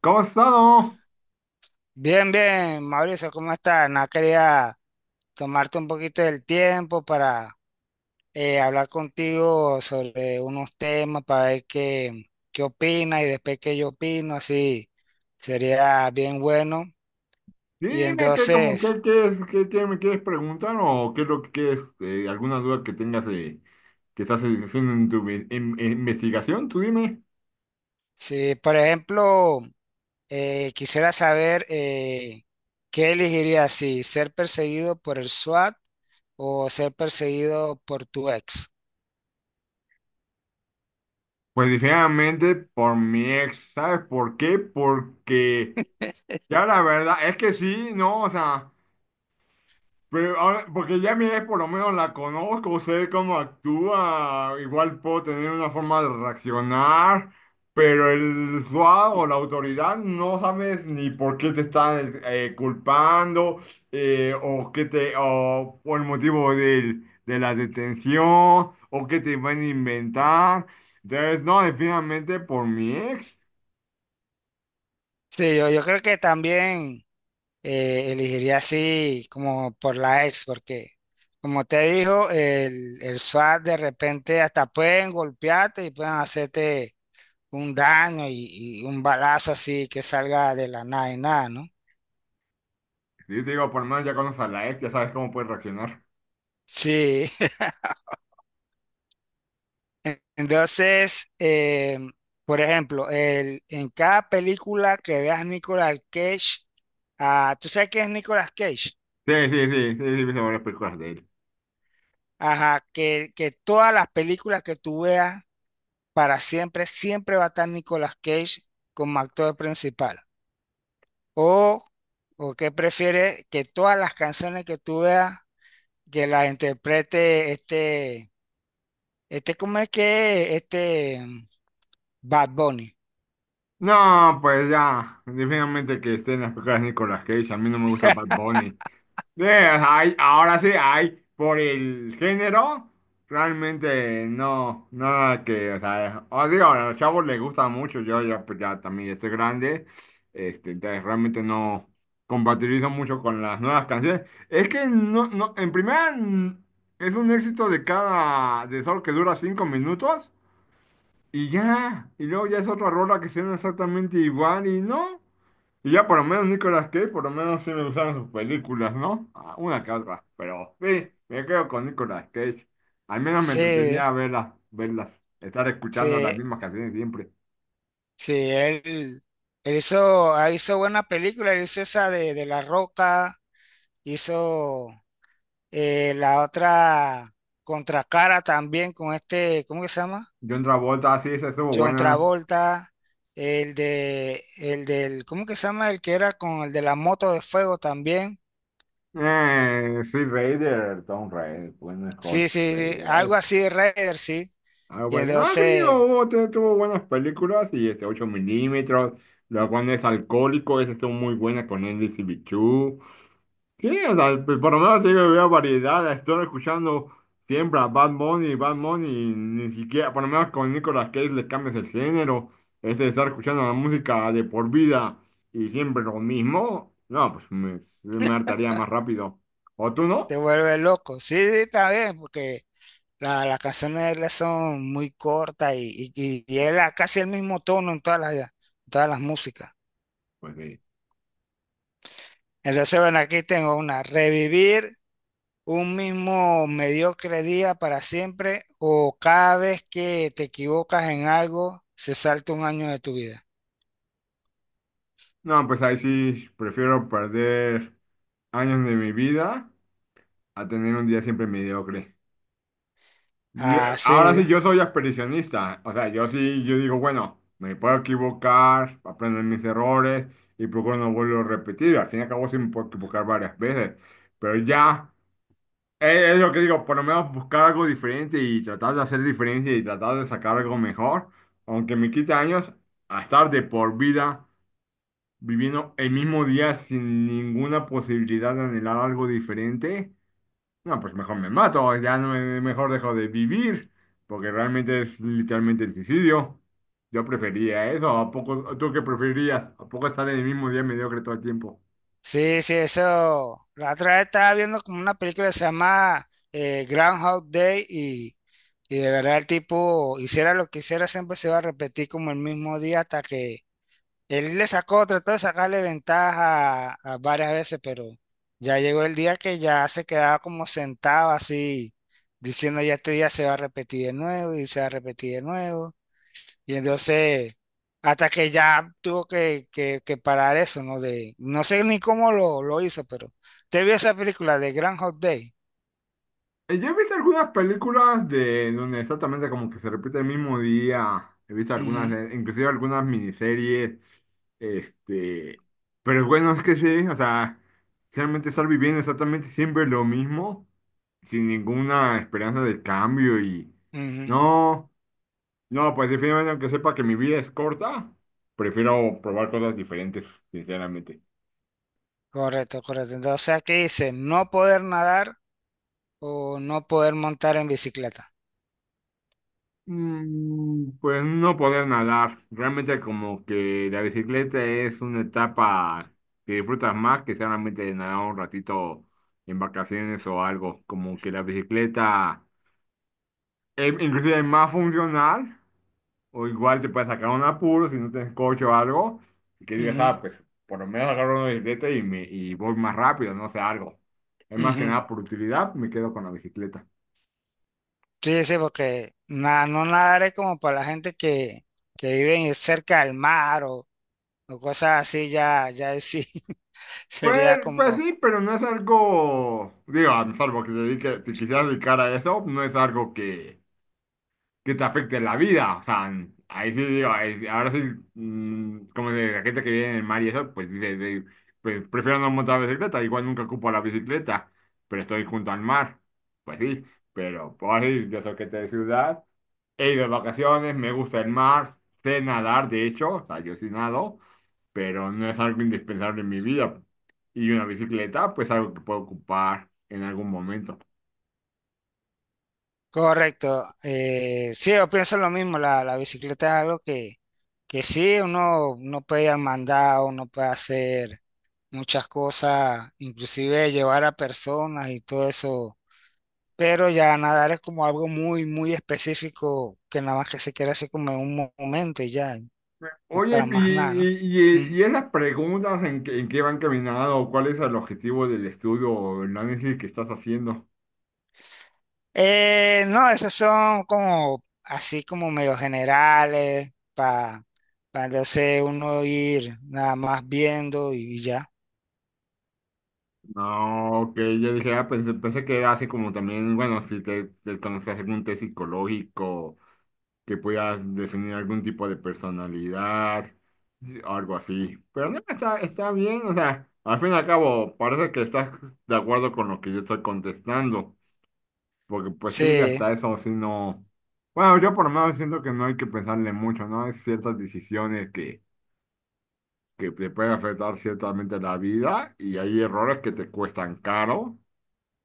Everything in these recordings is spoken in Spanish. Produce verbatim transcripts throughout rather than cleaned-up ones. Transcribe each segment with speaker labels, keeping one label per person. Speaker 1: ¿Cómo has estado?
Speaker 2: Bien, bien, Mauricio, ¿cómo estás? Nada, quería tomarte un poquito del tiempo para eh, hablar contigo sobre unos temas, para ver qué, qué opinas y después qué yo opino, así sería bien bueno.
Speaker 1: Sí,
Speaker 2: Y
Speaker 1: dime qué, como
Speaker 2: entonces,
Speaker 1: qué qué es qué, qué me quieres preguntar o qué es lo que quieres, eh, alguna duda que tengas eh, que estás haciendo en tu vi- en- en investigación, tú dime.
Speaker 2: si por ejemplo eh, quisiera saber eh, qué elegirías, si ser perseguido por el SWAT o ser perseguido por tu ex.
Speaker 1: Pues definitivamente por mi ex, ¿sabes por qué? Porque ya la verdad es que sí, no, o sea. Pero ahora, porque ya mi ex por lo menos la conozco, sé cómo actúa, igual puedo tener una forma de reaccionar, pero el SWAT o la autoridad no sabes ni por qué te están eh, culpando, eh, o qué te o por el motivo del- de la detención o qué te van a inventar. Entonces, no, definitivamente por mi ex.
Speaker 2: Sí, yo, yo creo que también eh, elegiría así como por la ex, porque como te dijo, el, el SWAT de repente hasta pueden golpearte y pueden hacerte un daño y, y un balazo así que salga de la nada y nada, ¿no?
Speaker 1: Sí, te digo, por lo menos ya conoces a la ex, ya sabes cómo puedes reaccionar.
Speaker 2: Sí, entonces, eh, por ejemplo, el, en cada película que veas Nicolas Cage, ah, ¿tú sabes qué es Nicolas Cage?
Speaker 1: Sí, sí, sí, sí, sí, he visto varias películas de él.
Speaker 2: Ajá, que, que todas las películas que tú veas para siempre, siempre va a estar Nicolas Cage como actor principal. O, o qué prefiere que todas las canciones que tú veas, que las interprete este, este, ¿cómo es que es? Este mm, Bad Bunny.
Speaker 1: No, pues ya, definitivamente que estén las películas de Nicolas Cage, a mí no me gusta Bad Bunny. Sí, hay- ahora sí, hay, por el género, realmente no, nada que, o sea, os digo, a los chavos les gusta mucho, yo ya, pues ya también estoy grande, este, entonces realmente no compatibilizo mucho con las nuevas canciones. Es que no, no, en primera, mm, es un éxito de cada, de solo que dura cinco minutos. Y ya, y luego ya es otra rola que suena exactamente igual y no. Y ya por lo menos Nicolas Cage, por lo menos sí me gustaron sus películas, ¿no? Ah, Una que otra, pero sí, me quedo con Nicolas Cage. Al menos me
Speaker 2: Sí,
Speaker 1: entretenía verlas, verlas, estar
Speaker 2: sí,
Speaker 1: escuchando las mismas canciones siempre.
Speaker 2: sí, él, él hizo, ah, hizo buena película, él hizo esa de, de La Roca, hizo eh, la otra Contracara también con este, ¿cómo que se llama?
Speaker 1: John Travolta, sí, esa estuvo
Speaker 2: John
Speaker 1: buena.
Speaker 2: Travolta, el de, el del, ¿cómo que se llama? El que era con el de la moto de fuego también.
Speaker 1: Eh, sí, Raider, Tom Raider, bueno, Hulk
Speaker 2: Sí, sí, sí,
Speaker 1: Raider.
Speaker 2: algo así de Raider, sí.
Speaker 1: Ah,
Speaker 2: Y
Speaker 1: bueno, no, sí, digo,
Speaker 2: entonces
Speaker 1: hubo- tu- tuvo buenas películas y este ocho milímetros, la cual no es alcohólico esas estuvo muy buena con Andy y Bichú. Sí, o sea, pues, por lo menos sí veo variedad, estoy escuchando siempre a Bad Bunny, Bad Bunny, ni siquiera, por lo menos con Nicolas Cage le cambias el género, este de estar escuchando la música de por vida y siempre lo mismo, no, pues me, me hartaría más rápido. ¿O tú
Speaker 2: te
Speaker 1: no?
Speaker 2: vuelve loco. Sí, sí, está bien, porque la- las canciones de él son muy cortas y, y, y él a casi el mismo tono en todas las, en todas las músicas.
Speaker 1: Pues sí.
Speaker 2: Entonces, bueno, aquí tengo una, revivir un mismo mediocre día para siempre o cada vez que te equivocas en algo se salta un año de tu vida.
Speaker 1: No, pues ahí sí prefiero perder años de mi vida a tener un día siempre mediocre. Yo-
Speaker 2: Ah,
Speaker 1: ahora
Speaker 2: sí,
Speaker 1: sí, yo soy expedicionista. O sea, yo sí, yo digo, bueno, me puedo equivocar, aprendo de mis errores y procuro no volverlo a repetir. Al fin y al cabo, sí me puedo equivocar varias veces. Pero ya, eh, es, lo que digo, por lo menos buscar algo diferente y tratar de hacer diferencia y tratar de sacar algo mejor, aunque me quite años, a estar de por vida viviendo el mismo día sin ninguna posibilidad de anhelar algo diferente. No, pues mejor me mato, ya no me- mejor dejo de vivir, porque realmente es literalmente el suicidio. Yo prefería eso, ¿a poco tú qué preferías? ¿A poco estar en el mismo día mediocre todo el tiempo?
Speaker 2: sí, sí, eso. La otra vez estaba viendo como una película que se llama eh, Groundhog Day y, y de verdad el tipo hiciera lo que hiciera siempre se va a repetir como el mismo día hasta que él le sacó, trató de sacarle ventaja a- a varias veces, pero ya llegó el día que ya se quedaba como sentado así, diciendo ya este día se va a repetir de nuevo y se va a repetir de nuevo. Y entonces, hasta que ya tuvo que, que, que parar eso, ¿no? De, no sé ni cómo lo, lo hizo, pero te vio esa película de Grand Hot Day.
Speaker 1: Eh, Yo he visto algunas películas de donde exactamente como que se repite el mismo día. He visto algunas, eh, inclusive algunas miniseries, este, pero bueno, es que sí, o sea, realmente estar viviendo exactamente siempre lo mismo, sin ninguna esperanza de cambio y
Speaker 2: Ujú, ujú.
Speaker 1: no. No, pues definitivamente, aunque sepa que mi vida es corta, prefiero probar cosas diferentes, sinceramente.
Speaker 2: Correcto, correcto. Entonces aquí dice, no poder nadar o no poder montar en bicicleta.
Speaker 1: Mm, pues no poder nadar. Realmente como que la bicicleta es una etapa que disfrutas más que solamente nadar un ratito en vacaciones o algo. Como que la bicicleta es inclusive más funcional. O igual te puedes sacar un apuro si no tienes coche o algo, y que digas,
Speaker 2: Ujú,
Speaker 1: ah, pues por lo menos agarro una bicicleta y, me, y voy más rápido, no sé, algo. Es más que
Speaker 2: ujú.
Speaker 1: nada por utilidad, me quedo con la bicicleta.
Speaker 2: Sí, sí, porque na- no nadar es como para la gente que, que vive cerca del mar o, o cosas así, ya, ya ahí sí,
Speaker 1: Pues,
Speaker 2: sería
Speaker 1: pues
Speaker 2: como
Speaker 1: sí, pero no es algo, digo, salvo que te dedique, te quisieras dedicar a eso, no es algo que, que te afecte en la vida. O sea, ahí sí digo, ahí sí- ahora sí, mm, como de la gente que vive en el mar y eso, pues dice, de- pues prefiero no montar bicicleta, igual nunca ocupo la bicicleta, pero estoy junto al mar. Pues sí, pero pues ahora sí, yo soy gente de ciudad, he ido de vacaciones, me gusta el mar, sé nadar, de hecho, o sea, yo sí nado, pero no es algo indispensable en mi vida. Y una bicicleta, pues algo que puedo ocupar en algún momento.
Speaker 2: correcto. Eh, sí, yo pienso lo mismo, la, la bicicleta es algo que, que sí, uno no puede ir al mandado, uno puede hacer muchas cosas, inclusive llevar a personas y todo eso, pero ya nadar es como algo muy, muy específico que nada más que se quiere hacer como en un mo- momento y ya.
Speaker 1: Oye,
Speaker 2: Para
Speaker 1: y,
Speaker 2: más nada, ¿no?
Speaker 1: y, y-
Speaker 2: Ujú.
Speaker 1: y esas preguntas en que, en qué van caminando, ¿cuál es el objetivo del estudio o el análisis que estás haciendo?
Speaker 2: Eh, no, esos son como así como medio generales para entonces uno ir nada más viendo y, y ya.
Speaker 1: No, que yo dije, ah, pensé, pensé que era así como también, bueno, si te, te conoces algún test psicológico, que puedas definir algún tipo de personalidad, sí, algo así. Pero no, está, está bien, o sea, al fin y al cabo, parece que estás de acuerdo con lo que yo estoy contestando. Porque pues sí,
Speaker 2: Sí,
Speaker 1: hasta eso sí no. Bueno, yo por lo menos siento que no hay que pensarle mucho, ¿no? Hay ciertas decisiones que, que te pueden afectar ciertamente la vida y hay errores que te cuestan caro,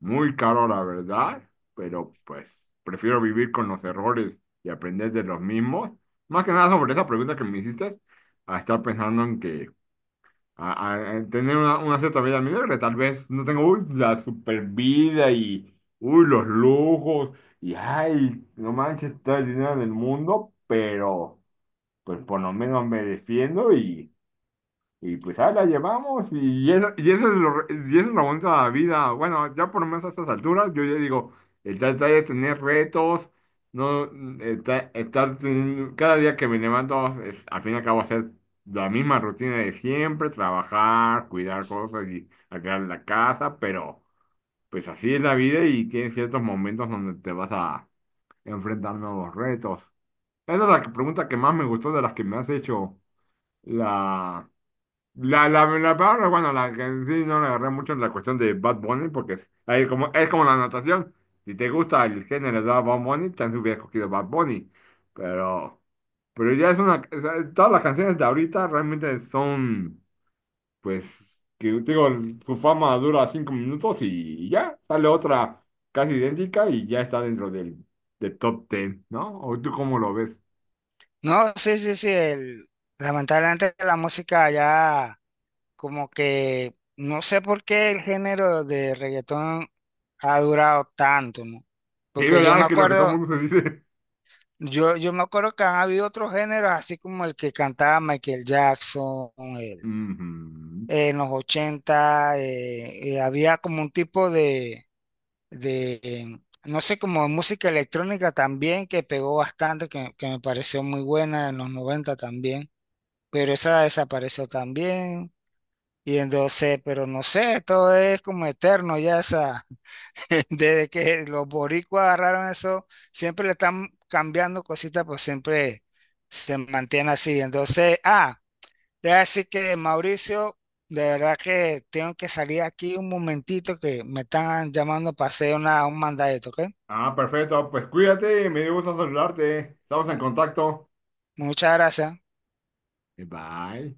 Speaker 1: muy caro la verdad, pero pues prefiero vivir con los errores y aprender de los mismos. Más que nada sobre esa pregunta que me hiciste, a estar pensando en que a, a- a tener una, una cierta vida mediocre. Tal vez no tengo uy, la super vida y uy, los lujos y ay, no manches, todo el dinero del mundo, pero pues por lo menos me defiendo y pues ahí la llevamos y eso, y eso es lo, y eso es lo bonito de la bonita vida. Bueno, ya por lo menos a estas alturas, yo ya digo, el tratar de tener retos, no estar, estar teniendo- cada día que me levanto, es- al fin y al cabo hacer la misma rutina de siempre, trabajar, cuidar cosas y arreglar la casa, pero pues así es la vida y tienes ciertos momentos donde te vas a enfrentar nuevos retos. Esa es la pregunta que más me gustó de las que me has hecho. La, la, la, la palabra, bueno, la que en sí no le agarré mucho en la cuestión de Bad Bunny, porque es, ahí como, es como la natación. Si te gusta el género de Bad Bunny, también hubiera cogido Bad Bunny. Pero, pero ya es una. o sea, todas las canciones de ahorita realmente son, pues, que digo, su fama dura cinco minutos y ya, sale otra casi idéntica y ya está dentro del, del top ten, ¿no? ¿O tú cómo lo ves?
Speaker 2: no, sí, sí, sí. El- lamentablemente la música ya como que no sé por qué el género de reggaetón ha durado tanto, ¿no?
Speaker 1: Sí,
Speaker 2: Porque yo me
Speaker 1: ¿verdad? Que lo que todo el
Speaker 2: acuerdo,
Speaker 1: mundo se dice.
Speaker 2: yo, yo me acuerdo que han habido otros géneros así como el que cantaba Michael Jackson, eh,
Speaker 1: Ujú.
Speaker 2: eh, en los ochenta eh, eh, había como un tipo de, de, em, no sé, como música electrónica también que pegó bastante, que, que me pareció muy buena en los noventa también, pero esa desapareció también. Y entonces, pero no sé, todo es como eterno ya esa, desde que los boricuas agarraron eso, siempre le están cambiando cositas, pues siempre se mantiene así. Entonces, ah. Debe decir que Mauricio, de verdad que tengo que salir aquí un momentito que me están llamando para hacer una, un mandadito, ¿ok?
Speaker 1: Ah, perfecto. Pues cuídate, me dio gusto saludarte. Estamos en contacto.
Speaker 2: Muchas gracias.
Speaker 1: Bye.